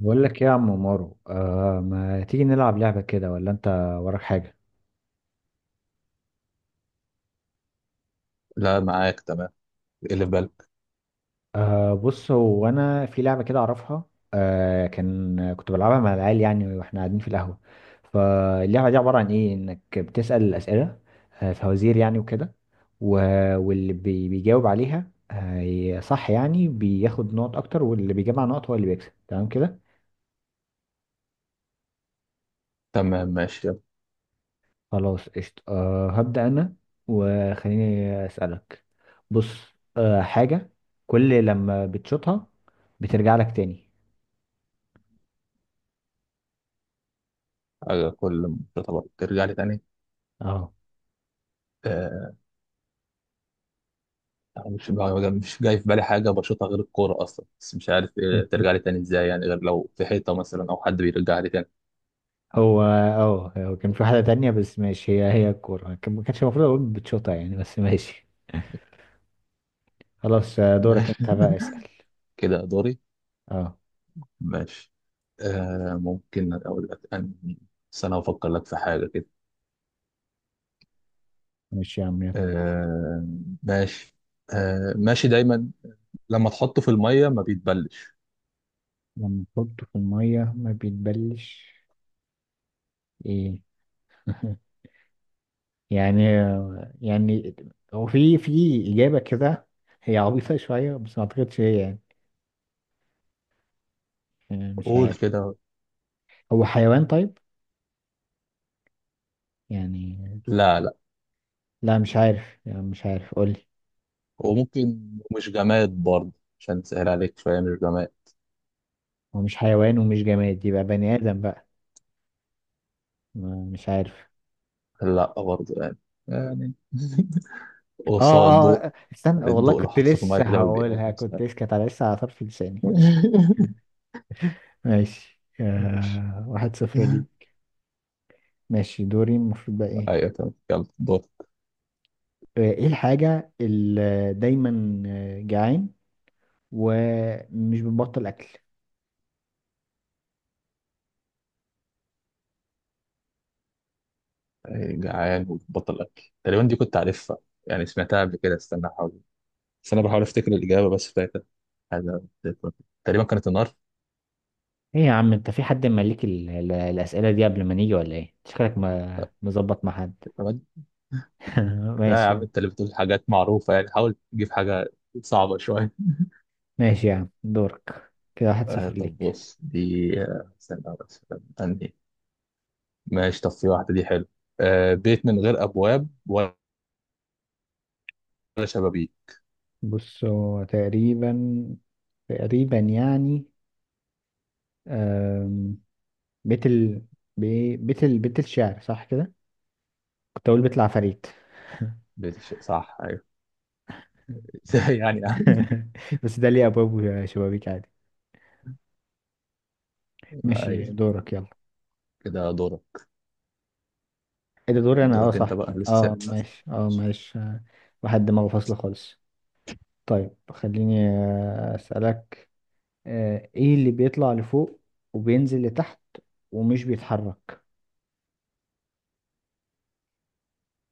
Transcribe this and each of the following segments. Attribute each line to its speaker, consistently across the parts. Speaker 1: بقول لك إيه يا عم مارو؟ آه، ما تيجي نلعب لعبة كده ولا انت وراك حاجة؟
Speaker 2: لا، معاك تمام. اللي في بالك.
Speaker 1: آه بص، هو انا في لعبة كده اعرفها. آه كان كنت بلعبها مع العيال يعني واحنا قاعدين في القهوة. فاللعبة دي عبارة عن ايه؟ انك بتسأل الأسئلة، آه فوازير يعني وكده. واللي بيجاوب عليها آه صح يعني بياخد نقط اكتر، واللي بيجمع نقط هو اللي بيكسب، تمام كده.
Speaker 2: تمام، ماشي يلا.
Speaker 1: خلاص قشطة، أه هبدأ أنا وخليني أسألك. بص، أه حاجة كل لما بتشوطها بترجع لك تاني.
Speaker 2: على كل. طبعا ترجع لي تاني.
Speaker 1: اه
Speaker 2: آه، مش مش جاي في بالي حاجة بشوطها غير الكورة أصلا، بس مش عارف إيه ترجع لي تاني إزاي يعني، غير لو في حيطة مثلا أو حد بيرجع لي تاني.
Speaker 1: هو اه هو كان في واحدة تانية بس ماشي، هي هي الكورة، ما كانش المفروض أقول بتشوطها يعني بس ماشي. خلاص آه، دورك
Speaker 2: ماشي.
Speaker 1: أنت بقى اسأل.
Speaker 2: كده دوري.
Speaker 1: اه
Speaker 2: ماشي. ممكن أقول لك أنهي. بس أنا هفكر لك في حاجة كده.
Speaker 1: ماشي يا عم يلا.
Speaker 2: آه، ماشي. آه، ماشي دايما. لما تحطه في المية ما بيتبلش.
Speaker 1: لما تحطه في المية ما بيتبلش. ايه يعني، يعني هو في إجابة كده، هي عبيطة شوية بس ما أعتقدش هي يعني، آه، مش
Speaker 2: قول
Speaker 1: عارف.
Speaker 2: كده.
Speaker 1: هو حيوان طيب يعني؟
Speaker 2: لا، لا.
Speaker 1: لا مش عارف يعني، مش عارف قولي.
Speaker 2: وممكن مش جماد برضه، عشان تسهل عليك شوية مش جماد.
Speaker 1: هو مش حيوان ومش جماد يبقى بني آدم بقى؟ مش عارف.
Speaker 2: لا برضه يعني
Speaker 1: اه
Speaker 2: قصاد
Speaker 1: اه
Speaker 2: الضوء.
Speaker 1: آه، استنى
Speaker 2: يعني
Speaker 1: والله
Speaker 2: الضوء لو
Speaker 1: كنت
Speaker 2: حطيته في المية
Speaker 1: لسه
Speaker 2: كده ما بيبقى
Speaker 1: هقولها، كنت
Speaker 2: مثلا.
Speaker 1: لسه كانت على لسه على طرف لساني، ماشي. ماشي
Speaker 2: ماشي.
Speaker 1: آه، واحد صفر دي. ماشي دوري المفروض بقى ايه؟
Speaker 2: ايوه تمام، يلا دور.
Speaker 1: آه، ايه الحاجة اللي دايما آه، جعان ومش بتبطل اكل؟
Speaker 2: أي جعان وبطل اكل تقريبا دي كنت عارفها، يعني سمعتها قبل كده. استنى احاول، بس انا بحاول افتكر الاجابه، بس فاكر حاجه تقريبا كانت النار.
Speaker 1: ايه يا عم انت في حد مالك الاسئلة دي قبل ما نيجي، ولا ايه شكلك ما مظبط مع حد؟
Speaker 2: لا، لا يا
Speaker 1: ماشي
Speaker 2: عم
Speaker 1: يعني.
Speaker 2: انت اللي بتقول حاجات معروفه يعني، حاول تجيب حاجه صعبه شويه.
Speaker 1: ماشي يعني، دورك كده واحد
Speaker 2: آه،
Speaker 1: صفر
Speaker 2: طب
Speaker 1: ليك.
Speaker 2: بص دي. استنى بس. أنهي. ماشي، طب في واحدة دي حلو. آه، بيت من غير أبواب ولا شبابيك.
Speaker 1: بص، هو تقريبا، تقريبا يعني، أم، بيت ال بي- بيت ال بيت الشعر صح كده؟ كنت اقول بيت العفاريت.
Speaker 2: صح، أيوه. ازاي يعني.
Speaker 1: بس ده ليه ابواب وشبابيك عادي. ماشي
Speaker 2: أيوه،
Speaker 1: دورك يلا.
Speaker 2: كده دورك.
Speaker 1: ايه ده دوري انا؟ اه
Speaker 2: دورك أنت
Speaker 1: صح.
Speaker 2: بقى لسه
Speaker 1: اه
Speaker 2: سابق.
Speaker 1: ماشي، اه ماشي آه، واحد دماغه فاصلة خالص. طيب خليني آه، اسالك. آه، ايه اللي بيطلع لفوق وبينزل لتحت ومش بيتحرك؟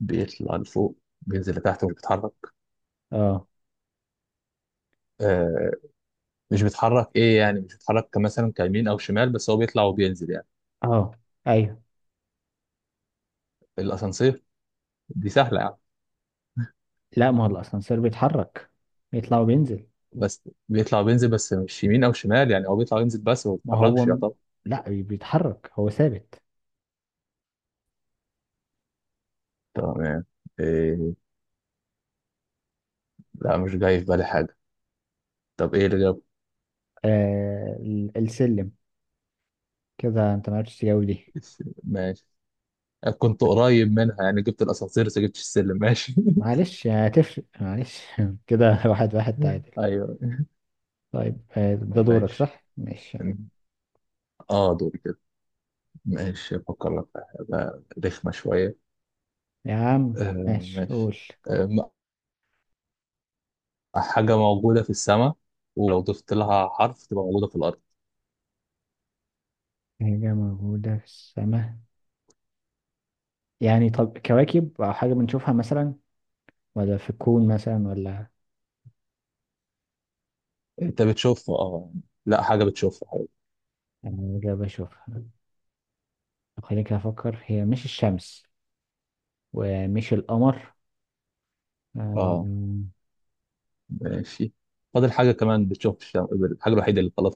Speaker 2: بيطلع لفوق بينزل لتحت ومش بيتحرك.
Speaker 1: اه
Speaker 2: آه، مش بيتحرك إيه يعني؟ مش بيتحرك كمثلا كيمين أو شمال، بس هو بيطلع وبينزل يعني.
Speaker 1: اه. ايوه.
Speaker 2: الأسانسير. دي سهلة يعني.
Speaker 1: لا ما هو الاسانسير بيتحرك، بيطلع وبينزل.
Speaker 2: بس بيطلع وبينزل بس مش يمين أو شمال، يعني هو بيطلع وينزل بس ما
Speaker 1: ما هو
Speaker 2: بيتحركش يا
Speaker 1: م...
Speaker 2: طب.
Speaker 1: لا بيتحرك، هو ثابت.
Speaker 2: تمام. إيه؟ لا، مش جاي في بالي حاجة. طب ايه اللي جاب؟
Speaker 1: آه السلم. كده انت ما عرفتش تجاوب دي.
Speaker 2: ماشي. كنت قريب منها يعني، جبت الاسانسير بس جبتش السلم. ماشي.
Speaker 1: معلش هتفرق معلش. كده واحد واحد تعادل.
Speaker 2: ايوه.
Speaker 1: طيب آه ده دورك
Speaker 2: ماشي
Speaker 1: صح ماشي يلا.
Speaker 2: اه دول كده. ماشي، افكر لك في حاجه رخمه شويه.
Speaker 1: يا عم
Speaker 2: آه،
Speaker 1: ماشي
Speaker 2: ماشي.
Speaker 1: قول.
Speaker 2: آه م- حاجه موجوده في السماء، ولو ضفت لها حرف تبقى موجوده في الارض.
Speaker 1: حاجة موجودة في السماء؟ يعني طب كواكب أو حاجة بنشوفها مثلا، ولا في الكون مثلا ولا؟
Speaker 2: انت بتشوفها اه يعني. لا، حاجه بتشوفها حاجة.
Speaker 1: يعني إجابة أشوفها. خليك أفكر، هي مش الشمس ومش القمر،
Speaker 2: اه،
Speaker 1: آم،
Speaker 2: ماشي. فاضل حاجه كمان بتشوف في الحاجه الوحيده اللي خلاص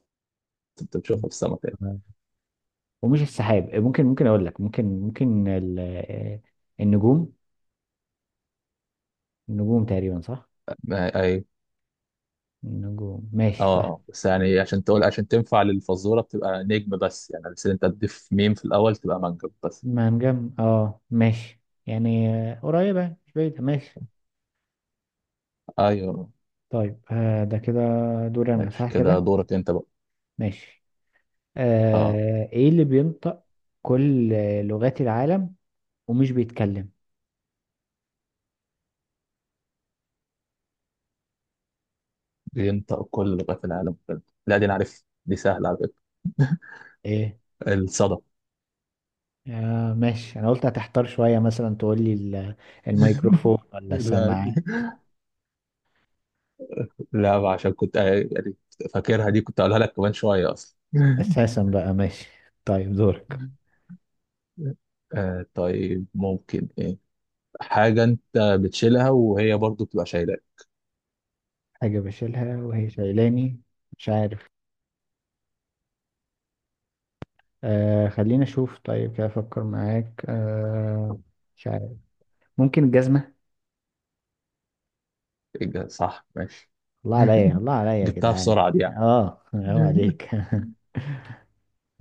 Speaker 2: انت بتشوفها في السماء تاني.
Speaker 1: ومش السحاب. ممكن ممكن أقول لك، ممكن ممكن النجوم؟ النجوم تقريبا صح؟
Speaker 2: ايوه.
Speaker 1: النجوم ماشي
Speaker 2: اه،
Speaker 1: صح.
Speaker 2: اه، بس يعني عشان تقول، عشان تنفع للفزوره بتبقى نجم بس، يعني بس انت تضيف ميم في الاول تبقى منجم بس.
Speaker 1: ما نجم اه ماشي يعني، آه، قريبة مش بعيدة ماشي.
Speaker 2: ايوه،
Speaker 1: طيب آه، ده كده دور أنا
Speaker 2: ماشي،
Speaker 1: صح
Speaker 2: كده
Speaker 1: كده؟
Speaker 2: دورك انت بقى.
Speaker 1: ماشي.
Speaker 2: اه،
Speaker 1: آه، إيه اللي بينطق كل لغات العالم ومش بيتكلم؟
Speaker 2: بينطق كل لغات العالم كده؟ لا دي انا عارف دي سهله على فكره.
Speaker 1: ايه.
Speaker 2: الصدى.
Speaker 1: آه ماشي، انا قلت هتحتار شوية مثلا تقول لي الميكروفون ولا
Speaker 2: لا دي-
Speaker 1: السماعة.
Speaker 2: لا، عشان كنت، آه، يعني فاكرها دي، كنت اقولها لك كمان شويه اصلا.
Speaker 1: اساسا بقى ماشي. طيب دورك.
Speaker 2: آه، طيب ممكن ايه. حاجه انت بتشيلها وهي برضو بتبقى شايله.
Speaker 1: حاجة بشيلها وهي شايلاني؟ مش عارف. آه خلينا اشوف، طيب كده افكر معاك آه، مش عارف. ممكن الجزمة.
Speaker 2: صح، ماشي.
Speaker 1: الله عليا، الله عليا يا
Speaker 2: جبتها
Speaker 1: جدعان.
Speaker 2: بسرعة دي يعني.
Speaker 1: اه هو عليك.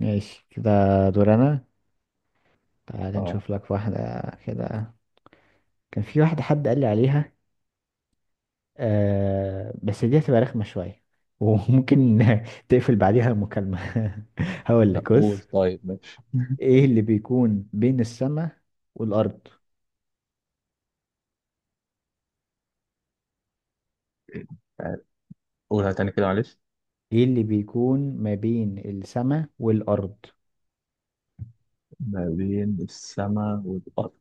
Speaker 1: ماشي كده، دور انا. تعال
Speaker 2: اه.
Speaker 1: نشوف لك واحدة كده. كان في واحدة حد قال لي عليها، آه بس دي هتبقى رخمة شوية وممكن تقفل بعديها المكالمة. هقول
Speaker 2: لا،
Speaker 1: لك بص.
Speaker 2: قول طيب ماشي.
Speaker 1: ايه اللي بيكون بين السماء والأرض؟
Speaker 2: تعال، قولها تاني كده معلش.
Speaker 1: ايه اللي بيكون ما بين السماء والأرض؟
Speaker 2: ما بين السماء والأرض؟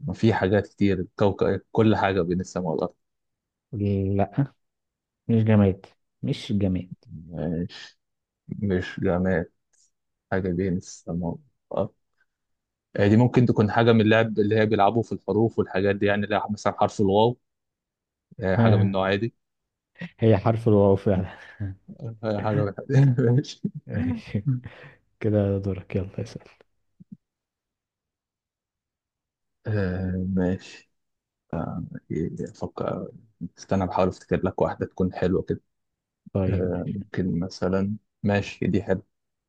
Speaker 2: ما في حاجات كتير، الكوكب كل حاجة بين السماء والأرض.
Speaker 1: لا مش جماد، مش جماد.
Speaker 2: ماشي، مش جماد. حاجة بين السماء والأرض. آه، دي ممكن تكون حاجة من اللعب اللي هي بيلعبوا في الحروف والحاجات دي، يعني اللي هي مثلا حرف الواو. آه، حاجة من
Speaker 1: آه،
Speaker 2: النوع دي.
Speaker 1: هي حرف الواو فعلا.
Speaker 2: آه، حاجة من ماشي.
Speaker 1: ماشي. كده دورك يلا اسأل.
Speaker 2: آه، ماشي، أفكر. استنى بحاول افتكر لك واحدة تكون حلوة كده.
Speaker 1: طيب
Speaker 2: آه،
Speaker 1: ماشي.
Speaker 2: ممكن مثلا. ماشي، دي حلوة.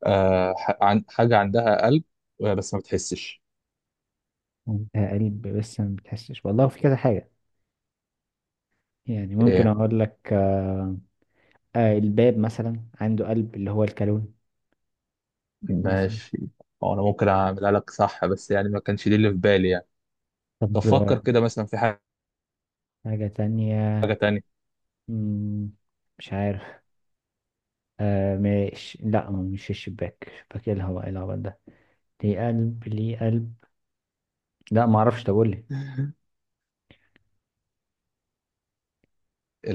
Speaker 2: آه، حاجة عندها قلب، آه، بس ما بتحسش.
Speaker 1: آه، قلب بس ما بتحسش، والله في كذا حاجة. يعني ممكن
Speaker 2: ايه؟
Speaker 1: أقول لك آه، آه الباب مثلا عنده قلب اللي هو الكالون مثلا.
Speaker 2: ماشي. هو انا ممكن اعملها لك صح، بس يعني ما كانش دي اللي في بالي يعني. طب
Speaker 1: طب آه،
Speaker 2: فكر كده مثلا في حاجة
Speaker 1: حاجة تانية.
Speaker 2: تانية.
Speaker 1: مم، مش عارف. آه مش، لا مش الشباك، شباك ايه، الهواء، ايه الهواء ده ليه قلب، ليه قلب؟ لا ما اعرفش تقول لي.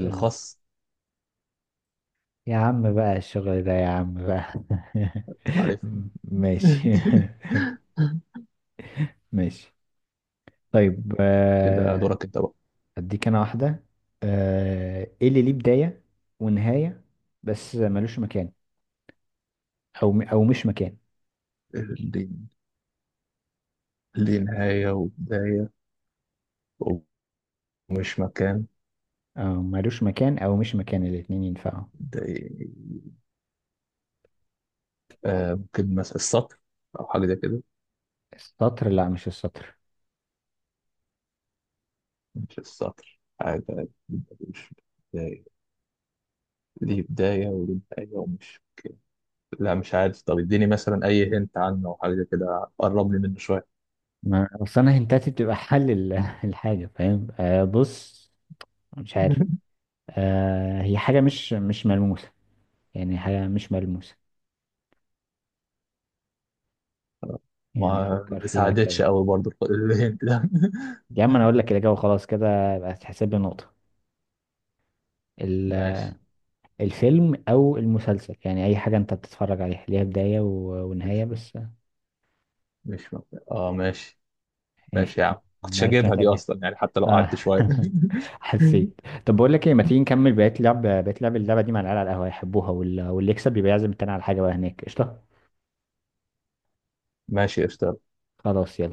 Speaker 1: آه، يا عم بقى الشغل ده، يا عم بقى.
Speaker 2: عارف
Speaker 1: ماشي. ماشي. طيب
Speaker 2: كده
Speaker 1: آه
Speaker 2: دورك انت بقى.
Speaker 1: اديك انا واحدة. آه ايه اللي ليه بداية ونهاية بس ملوش مكان، او او مش مكان؟
Speaker 2: ليه ليه نهاية وبداية ومش مكان
Speaker 1: او ملوش مكان او مش مكان الاتنين ينفعوا.
Speaker 2: ده؟ آه، ممكن مثلا السطر أو حاجة زي كده.
Speaker 1: السطر؟ لا مش السطر.
Speaker 2: مش السطر، عادي عادي. مش بداية. ليه بداية وليه نهاية ومش. لا مش عارف، طب اديني مثلا أي هنت عنه أو حاجة كده قرب لي منه شوية.
Speaker 1: ما اصل انا هنتاتي بتبقى حل الحاجه فاهم. آه بص، مش عارف. آه هي حاجه مش ملموسه، يعني حاجه مش ملموسه، يعني
Speaker 2: ما
Speaker 1: فكر
Speaker 2: ما
Speaker 1: فيها كده.
Speaker 2: ساعدتش قوي برضو الهنت ده.
Speaker 1: يا عم انا اقول لك الاجابه خلاص، كده يبقى تحسب لي نقطه. ال-
Speaker 2: ماشي،
Speaker 1: الفيلم او المسلسل يعني اي حاجه انت بتتفرج عليها ليها بدايه ونهايه بس.
Speaker 2: مش مبدأ. اه، ماشي.
Speaker 1: ماشي،
Speaker 2: ماشي يا عم كنتش
Speaker 1: ما عرفتش
Speaker 2: هجيبها دي
Speaker 1: اتجاهل.
Speaker 2: أصلا يعني، حتى لو
Speaker 1: اه
Speaker 2: قعدت شوية.
Speaker 1: حسيت. طب بقول لك ايه، ما تيجي نكمل بقيه لعب اللعبه دي مع العيال على القهوه، يحبوها، واللي يكسب يبقى يعزم التاني على حاجه بقى هناك، قشطه؟
Speaker 2: ماشي، قشطة.
Speaker 1: خلاص يلا.